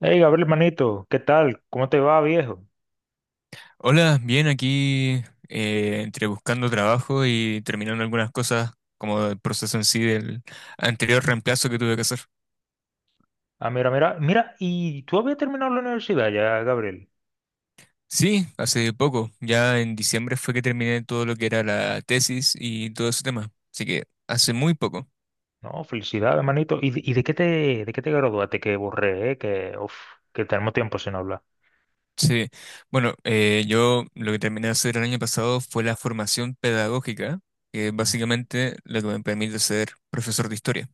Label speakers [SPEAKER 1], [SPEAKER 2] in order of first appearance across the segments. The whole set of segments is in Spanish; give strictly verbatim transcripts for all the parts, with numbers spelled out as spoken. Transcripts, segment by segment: [SPEAKER 1] Hey, Gabriel, manito, ¿qué tal? ¿Cómo te va, viejo?
[SPEAKER 2] Hola, bien, aquí, eh, entre buscando trabajo y terminando algunas cosas como el proceso en sí del anterior reemplazo que tuve que hacer.
[SPEAKER 1] Ah, mira, mira, mira, ¿y tú habías terminado la universidad ya, Gabriel?
[SPEAKER 2] Sí, hace poco, ya en diciembre fue que terminé todo lo que era la tesis y todo ese tema, así que hace muy poco.
[SPEAKER 1] No, felicidades, manito. ¿Y, de y de qué te, de qué te graduaste? Que borré, eh, que, uf, que tenemos tiempo sin hablar.
[SPEAKER 2] Sí, bueno, eh, yo lo que terminé de hacer el año pasado fue la formación pedagógica, que es
[SPEAKER 1] Ujú.
[SPEAKER 2] básicamente lo que me permite ser profesor de historia.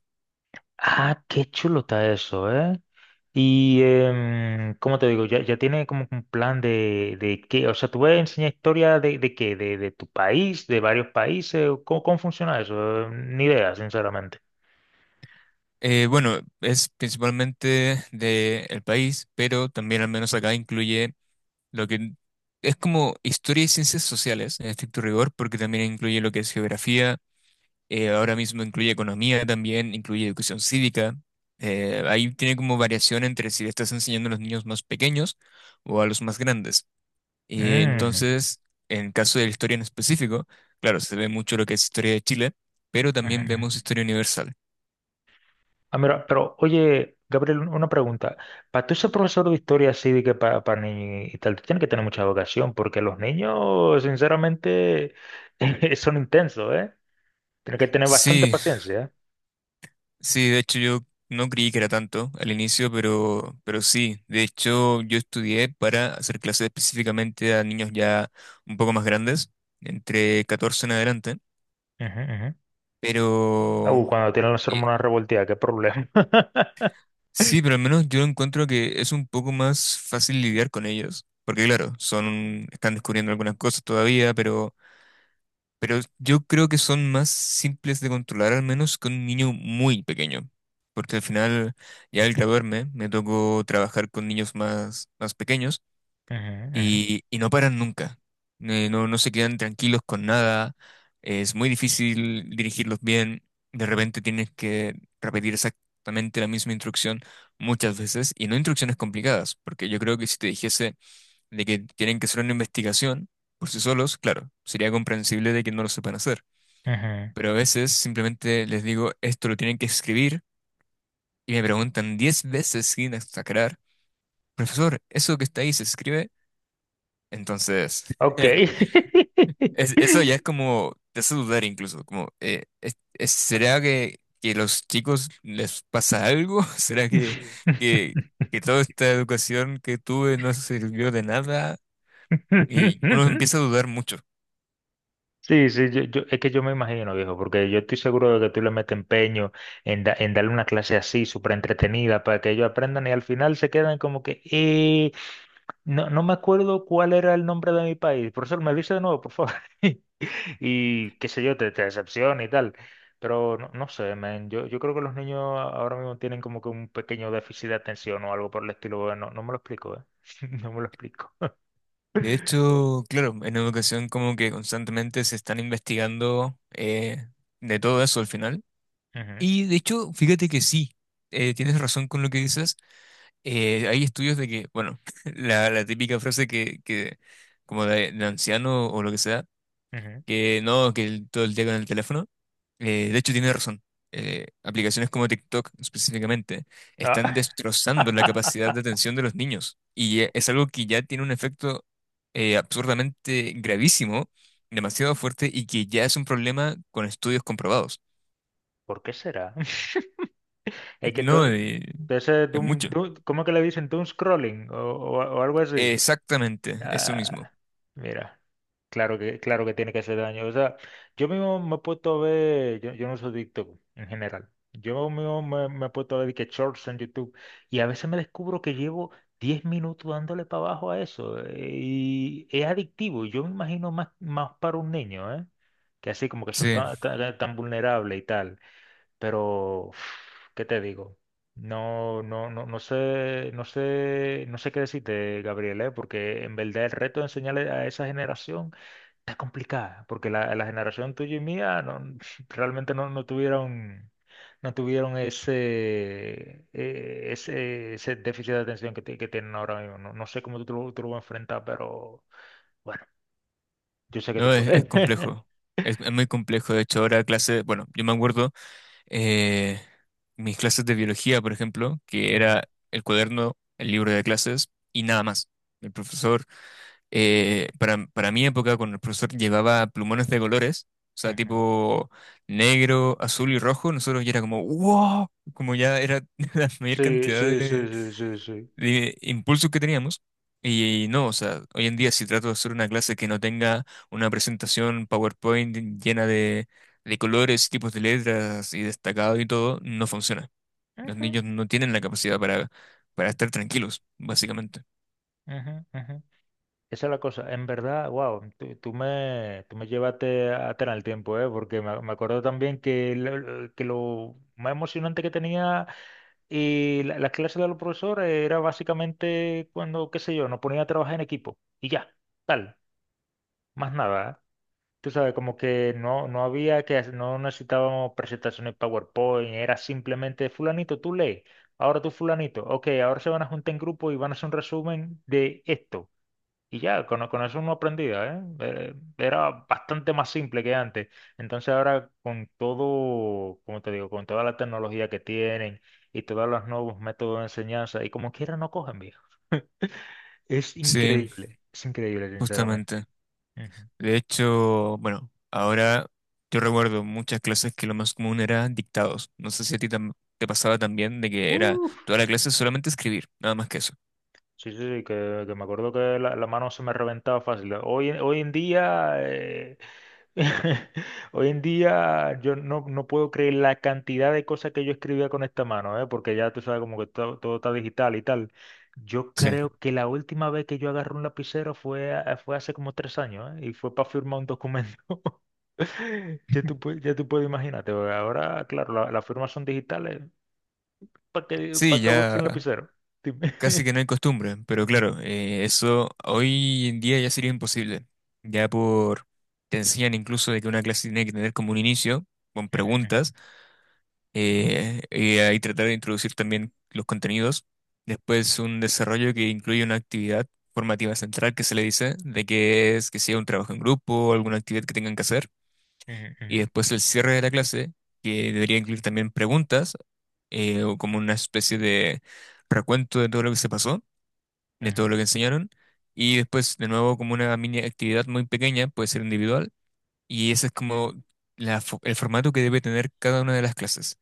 [SPEAKER 1] Ah, qué chulo está eso, ¿eh? Y, em, ¿cómo te digo? Ya, ya tiene como un plan de, de qué, o sea, ¿tú vas a enseñar historia de, de qué? ¿De, de tu país, de varios países? ¿Cómo, cómo funciona eso? Ni idea, sinceramente.
[SPEAKER 2] Eh, bueno, es principalmente del país, pero también al menos acá incluye lo que es como historia y ciencias sociales, en estricto rigor, porque también incluye lo que es geografía, eh, ahora mismo incluye economía también, incluye educación cívica. Eh, ahí tiene como variación entre si le estás enseñando a los niños más pequeños o a los más grandes. Eh,
[SPEAKER 1] Mm.
[SPEAKER 2] entonces, en caso de la historia en específico, claro, se ve mucho lo que es historia de Chile, pero
[SPEAKER 1] Ujú,
[SPEAKER 2] también vemos
[SPEAKER 1] ujú.
[SPEAKER 2] historia universal.
[SPEAKER 1] Ah, mira, pero oye, Gabriel, un- una pregunta. Para tú ser profesor de historia así de que para niños y tal, tú tienes que tener mucha vocación, porque los niños, sinceramente, son intensos, ¿eh? Tienes que tener bastante
[SPEAKER 2] Sí,
[SPEAKER 1] paciencia.
[SPEAKER 2] sí, de hecho yo no creí que era tanto al inicio, pero, pero sí. De hecho yo estudié para hacer clases específicamente a niños ya un poco más grandes, entre catorce en adelante.
[SPEAKER 1] ¿Eh? Ujú, ujú. Ah,
[SPEAKER 2] Pero
[SPEAKER 1] uh, cuando tienen las
[SPEAKER 2] y-
[SPEAKER 1] hormonas revolteadas, qué problema.
[SPEAKER 2] sí, pero al menos yo encuentro que es un poco más fácil lidiar con ellos. Porque claro, son, están descubriendo algunas cosas todavía, pero... Pero yo creo que son más simples de controlar, al menos que un niño muy pequeño. Porque al final, ya al graduarme, me tocó trabajar con niños más, más pequeños
[SPEAKER 1] Ujú, ujú,
[SPEAKER 2] y, y no paran nunca. Eh, no, no se quedan tranquilos con nada. Es muy difícil dirigirlos bien. De repente tienes que repetir exactamente la misma instrucción muchas veces y no instrucciones complicadas. Porque yo creo que si te dijese de que tienen que hacer una investigación por sí solos, claro, sería comprensible de que no lo sepan hacer,
[SPEAKER 1] ujú.
[SPEAKER 2] pero a veces simplemente les digo, esto lo tienen que escribir y me preguntan diez veces sin exagerar, profesor, ¿eso que está ahí se escribe? Entonces,
[SPEAKER 1] Ok.
[SPEAKER 2] es- eso ya es como, te hace dudar incluso, como, eh, es- es- ¿será que, que los chicos les pasa algo? ¿Será que, que, que toda esta educación que tuve no sirvió de nada? Y uno empieza a dudar mucho.
[SPEAKER 1] Sí, sí, yo, yo- es que yo me imagino, viejo, porque yo estoy seguro de que tú le metes empeño en, da- en darle una clase así, súper entretenida, para que ellos aprendan y al final se quedan como que, eh, no, no me acuerdo cuál era el nombre de mi país. Profesor, me dice de nuevo, por favor. Y qué sé yo, te, te decepciona y tal. Pero no, no sé, man, yo, yo creo que los niños ahora mismo tienen como que un pequeño déficit de atención o algo por el estilo. Bueno, no, no me lo explico, ¿eh? No me lo explico.
[SPEAKER 2] De hecho, claro, en educación como que constantemente se están investigando eh, de todo eso al final.
[SPEAKER 1] Ujú,
[SPEAKER 2] Y de hecho, fíjate que sí, eh, tienes razón con lo que dices. Eh, hay estudios de que, bueno, la, la típica frase que, que como de, de anciano o lo que sea,
[SPEAKER 1] ujú.
[SPEAKER 2] que no, que el- todo el día con el teléfono. Eh, de hecho, tiene razón. Eh, aplicaciones como TikTok específicamente están
[SPEAKER 1] Ah.
[SPEAKER 2] destrozando la capacidad de atención de los niños y eh, es algo que ya tiene un efecto eh, absurdamente gravísimo, demasiado fuerte y que ya es un problema con estudios comprobados.
[SPEAKER 1] ¿Por qué será? Es que
[SPEAKER 2] No,
[SPEAKER 1] todo.
[SPEAKER 2] eh,
[SPEAKER 1] De ese
[SPEAKER 2] es
[SPEAKER 1] doom-
[SPEAKER 2] mucho.
[SPEAKER 1] doom- ¿cómo que le dicen? Doom scrolling o, o- o algo así.
[SPEAKER 2] Exactamente, eso mismo.
[SPEAKER 1] Ah, mira, claro que, claro que tiene que hacer daño. O sea, yo mismo me he puesto a ver, yo, yo no soy adicto en general. Yo mismo me, me he puesto a ver de que shorts en YouTube y a veces me descubro que llevo diez minutos dándole para abajo a eso, eh, y es adictivo. Yo me imagino más, más para un niño, ¿eh? Que así como que son
[SPEAKER 2] Sí,
[SPEAKER 1] tan, tan, tan vulnerables y tal, pero uf, ¿qué te digo? No, no, no, no sé, no sé, no sé qué decirte, Gabriel, ¿eh? Porque en verdad el reto de enseñarle a esa generación está complicada, porque la, la generación tuya y mía no, realmente no, no tuvieron, no tuvieron ese, eh, ese, ese déficit de atención que, ti- que tienen ahora mismo. No, no sé cómo tú, te lo- tú lo vas a enfrentar, pero bueno, yo sé que tú
[SPEAKER 2] no, es, es
[SPEAKER 1] puedes.
[SPEAKER 2] complejo. Es, es muy complejo. De hecho, ahora clase, bueno, yo me acuerdo. eh, Mis clases de biología, por ejemplo, que
[SPEAKER 1] Ujú,
[SPEAKER 2] era el cuaderno, el libro de clases y nada más. El profesor, eh, para, para mi época, cuando el profesor llevaba plumones de colores, o sea,
[SPEAKER 1] ujú.
[SPEAKER 2] tipo negro, azul y rojo, nosotros ya era como, wow, como ya era la mayor
[SPEAKER 1] Sí,
[SPEAKER 2] cantidad
[SPEAKER 1] sí, sí,
[SPEAKER 2] de
[SPEAKER 1] sí, sí, sí.
[SPEAKER 2] de impulsos que teníamos. Y, no, o sea, hoy en día si trato de hacer una clase que no tenga una presentación PowerPoint llena de, de colores, tipos de letras y destacado y todo, no funciona. Los
[SPEAKER 1] Ujú,
[SPEAKER 2] niños no tienen la capacidad para, para estar tranquilos, básicamente.
[SPEAKER 1] ujú, ujú. Esa es la cosa, en verdad, wow, tú, tú me, tú me llevaste atrás en el tiempo, ¿eh? Porque me, me acuerdo también que lo, lo- que lo más emocionante que tenía y la- las clases de los profesores era básicamente cuando, qué sé yo, nos ponían a trabajar en equipo y ya, tal, más nada, ¿eh? Tú sabes, como que no, no había que, hacer- no necesitábamos presentaciones PowerPoint, era simplemente fulanito, tú lees, ahora tú fulanito, ok, ahora se van a juntar en grupo y van a hacer un resumen de esto. Y ya, con, con eso uno aprendía, ¿eh? Eh, Era bastante más simple que antes. Entonces ahora con todo, como te digo, con toda la tecnología que tienen y todos los nuevos métodos de enseñanza, y como quiera no cogen, viejo. Es
[SPEAKER 2] Sí,
[SPEAKER 1] increíble, es increíble, sinceramente.
[SPEAKER 2] justamente.
[SPEAKER 1] Ujú.
[SPEAKER 2] De hecho, bueno, ahora yo recuerdo muchas clases que lo más común era dictados. No sé si a ti tam- te pasaba también de que era
[SPEAKER 1] Uf.
[SPEAKER 2] toda la clase solamente escribir, nada más que eso.
[SPEAKER 1] Sí, sí, sí, que, que me acuerdo que la, la mano se me reventaba fácil. Hoy, hoy en día, eh, Hoy en día yo no, no puedo creer la cantidad de cosas que yo escribía con esta mano, ¿eh? Porque ya tú sabes como que todo, todo está digital y tal. Yo
[SPEAKER 2] Sí.
[SPEAKER 1] creo que la última vez que yo agarré un lapicero fue, a- fue hace como tres años, ¿eh? Y fue para firmar un documento. Ya tú, pue- ya tú puedes imaginarte, porque ahora, claro, la- las firmas son digitales. ¿Para qué,
[SPEAKER 2] Sí,
[SPEAKER 1] para qué usas un
[SPEAKER 2] ya.
[SPEAKER 1] lapicero? Dime.
[SPEAKER 2] Casi que no hay costumbre, pero claro, eh, eso hoy en día ya sería imposible. Ya por, te enseñan incluso de que una clase tiene que tener como un inicio, con
[SPEAKER 1] Ujú,
[SPEAKER 2] preguntas, eh, y ahí tratar de introducir también los contenidos. Después un desarrollo que incluye una actividad formativa central que se le dice, de que es que sea un trabajo en grupo o alguna actividad que tengan que hacer. Y
[SPEAKER 1] ujú,
[SPEAKER 2] después el cierre de la clase, que debería incluir también preguntas, eh, o como una especie de recuento de todo lo que se pasó de todo
[SPEAKER 1] ujú,
[SPEAKER 2] lo que enseñaron. Y después, de nuevo, como una mini actividad muy pequeña, puede ser individual. Y ese es como la fo- el formato que debe tener cada una de las clases.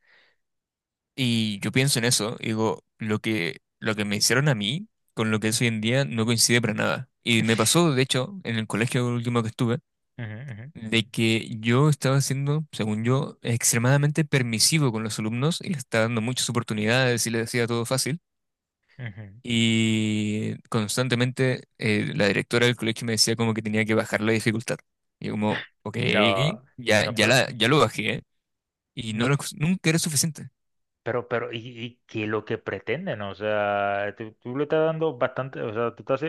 [SPEAKER 2] Y yo pienso en eso, y digo, lo que, lo que me hicieron a mí con lo que es hoy en día no coincide para nada. Y me pasó, de hecho, en el colegio último que estuve,
[SPEAKER 1] ujú, ujú,
[SPEAKER 2] de que yo estaba siendo, según yo, extremadamente permisivo con los alumnos y les estaba dando muchas oportunidades y les hacía todo fácil.
[SPEAKER 1] ujú, ujú, ujú.
[SPEAKER 2] Y constantemente eh, la directora del colegio me decía como que tenía que bajar la dificultad. Y yo como, ok,
[SPEAKER 1] No,
[SPEAKER 2] ya,
[SPEAKER 1] no,
[SPEAKER 2] ya, la,
[SPEAKER 1] pe-
[SPEAKER 2] ya lo bajé. ¿Eh? Y no
[SPEAKER 1] no,
[SPEAKER 2] lo- nunca era suficiente.
[SPEAKER 1] pero, pero, y, y qué es lo que pretenden, o sea, tú, tú le estás dando bastante, o sea, tú estás, eh,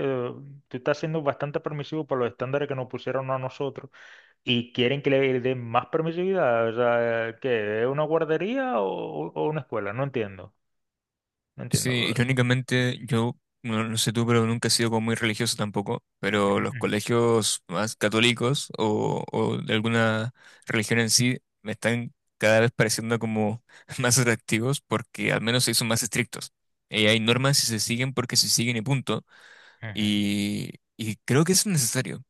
[SPEAKER 1] tú estás siendo bastante permisivo para los estándares que nos pusieron a nosotros y quieren que le den más permisividad, o sea, ¿qué? ¿Es una guardería o, o una escuela? No entiendo, no
[SPEAKER 2] Sí,
[SPEAKER 1] entiendo.
[SPEAKER 2] irónicamente yo, no, no sé tú, pero nunca he sido como muy religioso tampoco. Pero
[SPEAKER 1] Ujú,
[SPEAKER 2] los
[SPEAKER 1] ujú,
[SPEAKER 2] colegios más católicos o, o de alguna religión en sí me están cada vez pareciendo como más atractivos porque al menos se son más estrictos. Eh, hay normas y se siguen porque se siguen y punto.
[SPEAKER 1] ujú.
[SPEAKER 2] Y, y creo que es necesario.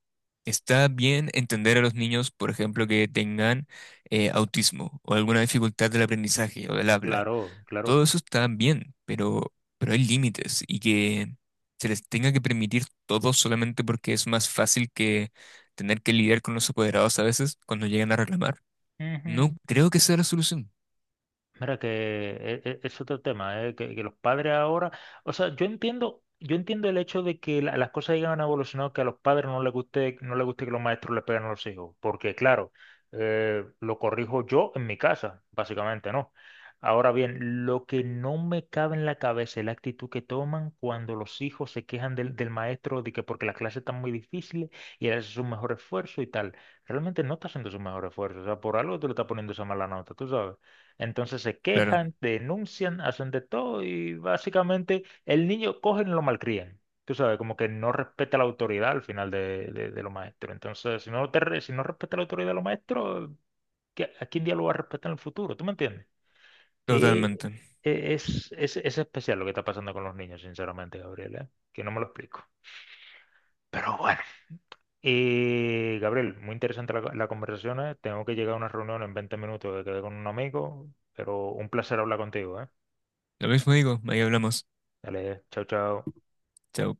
[SPEAKER 2] Está bien entender a los niños, por ejemplo, que tengan eh, autismo o alguna dificultad del aprendizaje o del habla.
[SPEAKER 1] Claro, claro.
[SPEAKER 2] Todo eso está bien, pero, pero hay límites y que se les tenga que permitir todo solamente porque es más fácil que tener que lidiar con los apoderados a veces cuando llegan a reclamar. No creo que sea la solución.
[SPEAKER 1] Mira que e- e- es, otro tema, ¿eh? Que, que los padres ahora, o sea, yo entiendo, yo entiendo el hecho de que la- las cosas hayan evolucionado, que a los padres no les guste, no les guste que los maestros le peguen a los hijos, porque claro, eh, lo corrijo yo en mi casa, básicamente, ¿no? Ahora bien, lo que no me cabe en la cabeza es la actitud que toman cuando los hijos se quejan del, del maestro de que porque las clases están muy difíciles y él hace su mejor esfuerzo y tal. Realmente no está haciendo su mejor esfuerzo, o sea, por algo te lo está poniendo esa mala nota, tú sabes. Entonces se
[SPEAKER 2] Claro,
[SPEAKER 1] quejan, denuncian, hacen de todo y básicamente el niño cogen y lo malcrían. Tú sabes, como que no respeta la autoridad al final de, de- de los maestros. Entonces, si no, te re- si no respeta la autoridad de los maestros, ¿qué- ¿a quién día lo va a respetar en el futuro? ¿Tú me entiendes? Eh,
[SPEAKER 2] totalmente.
[SPEAKER 1] eh, es, es, es especial lo que está pasando con los niños, sinceramente, Gabriel, ¿eh? Que no me lo explico. Pero bueno. Eh, Gabriel, muy interesante la, la conversación, ¿eh? Tengo que llegar a una reunión en veinte minutos que quedé con un amigo, pero un placer hablar contigo, ¿eh?
[SPEAKER 2] Lo mismo digo, ahí hablamos.
[SPEAKER 1] Dale, chao, chao.
[SPEAKER 2] Chao.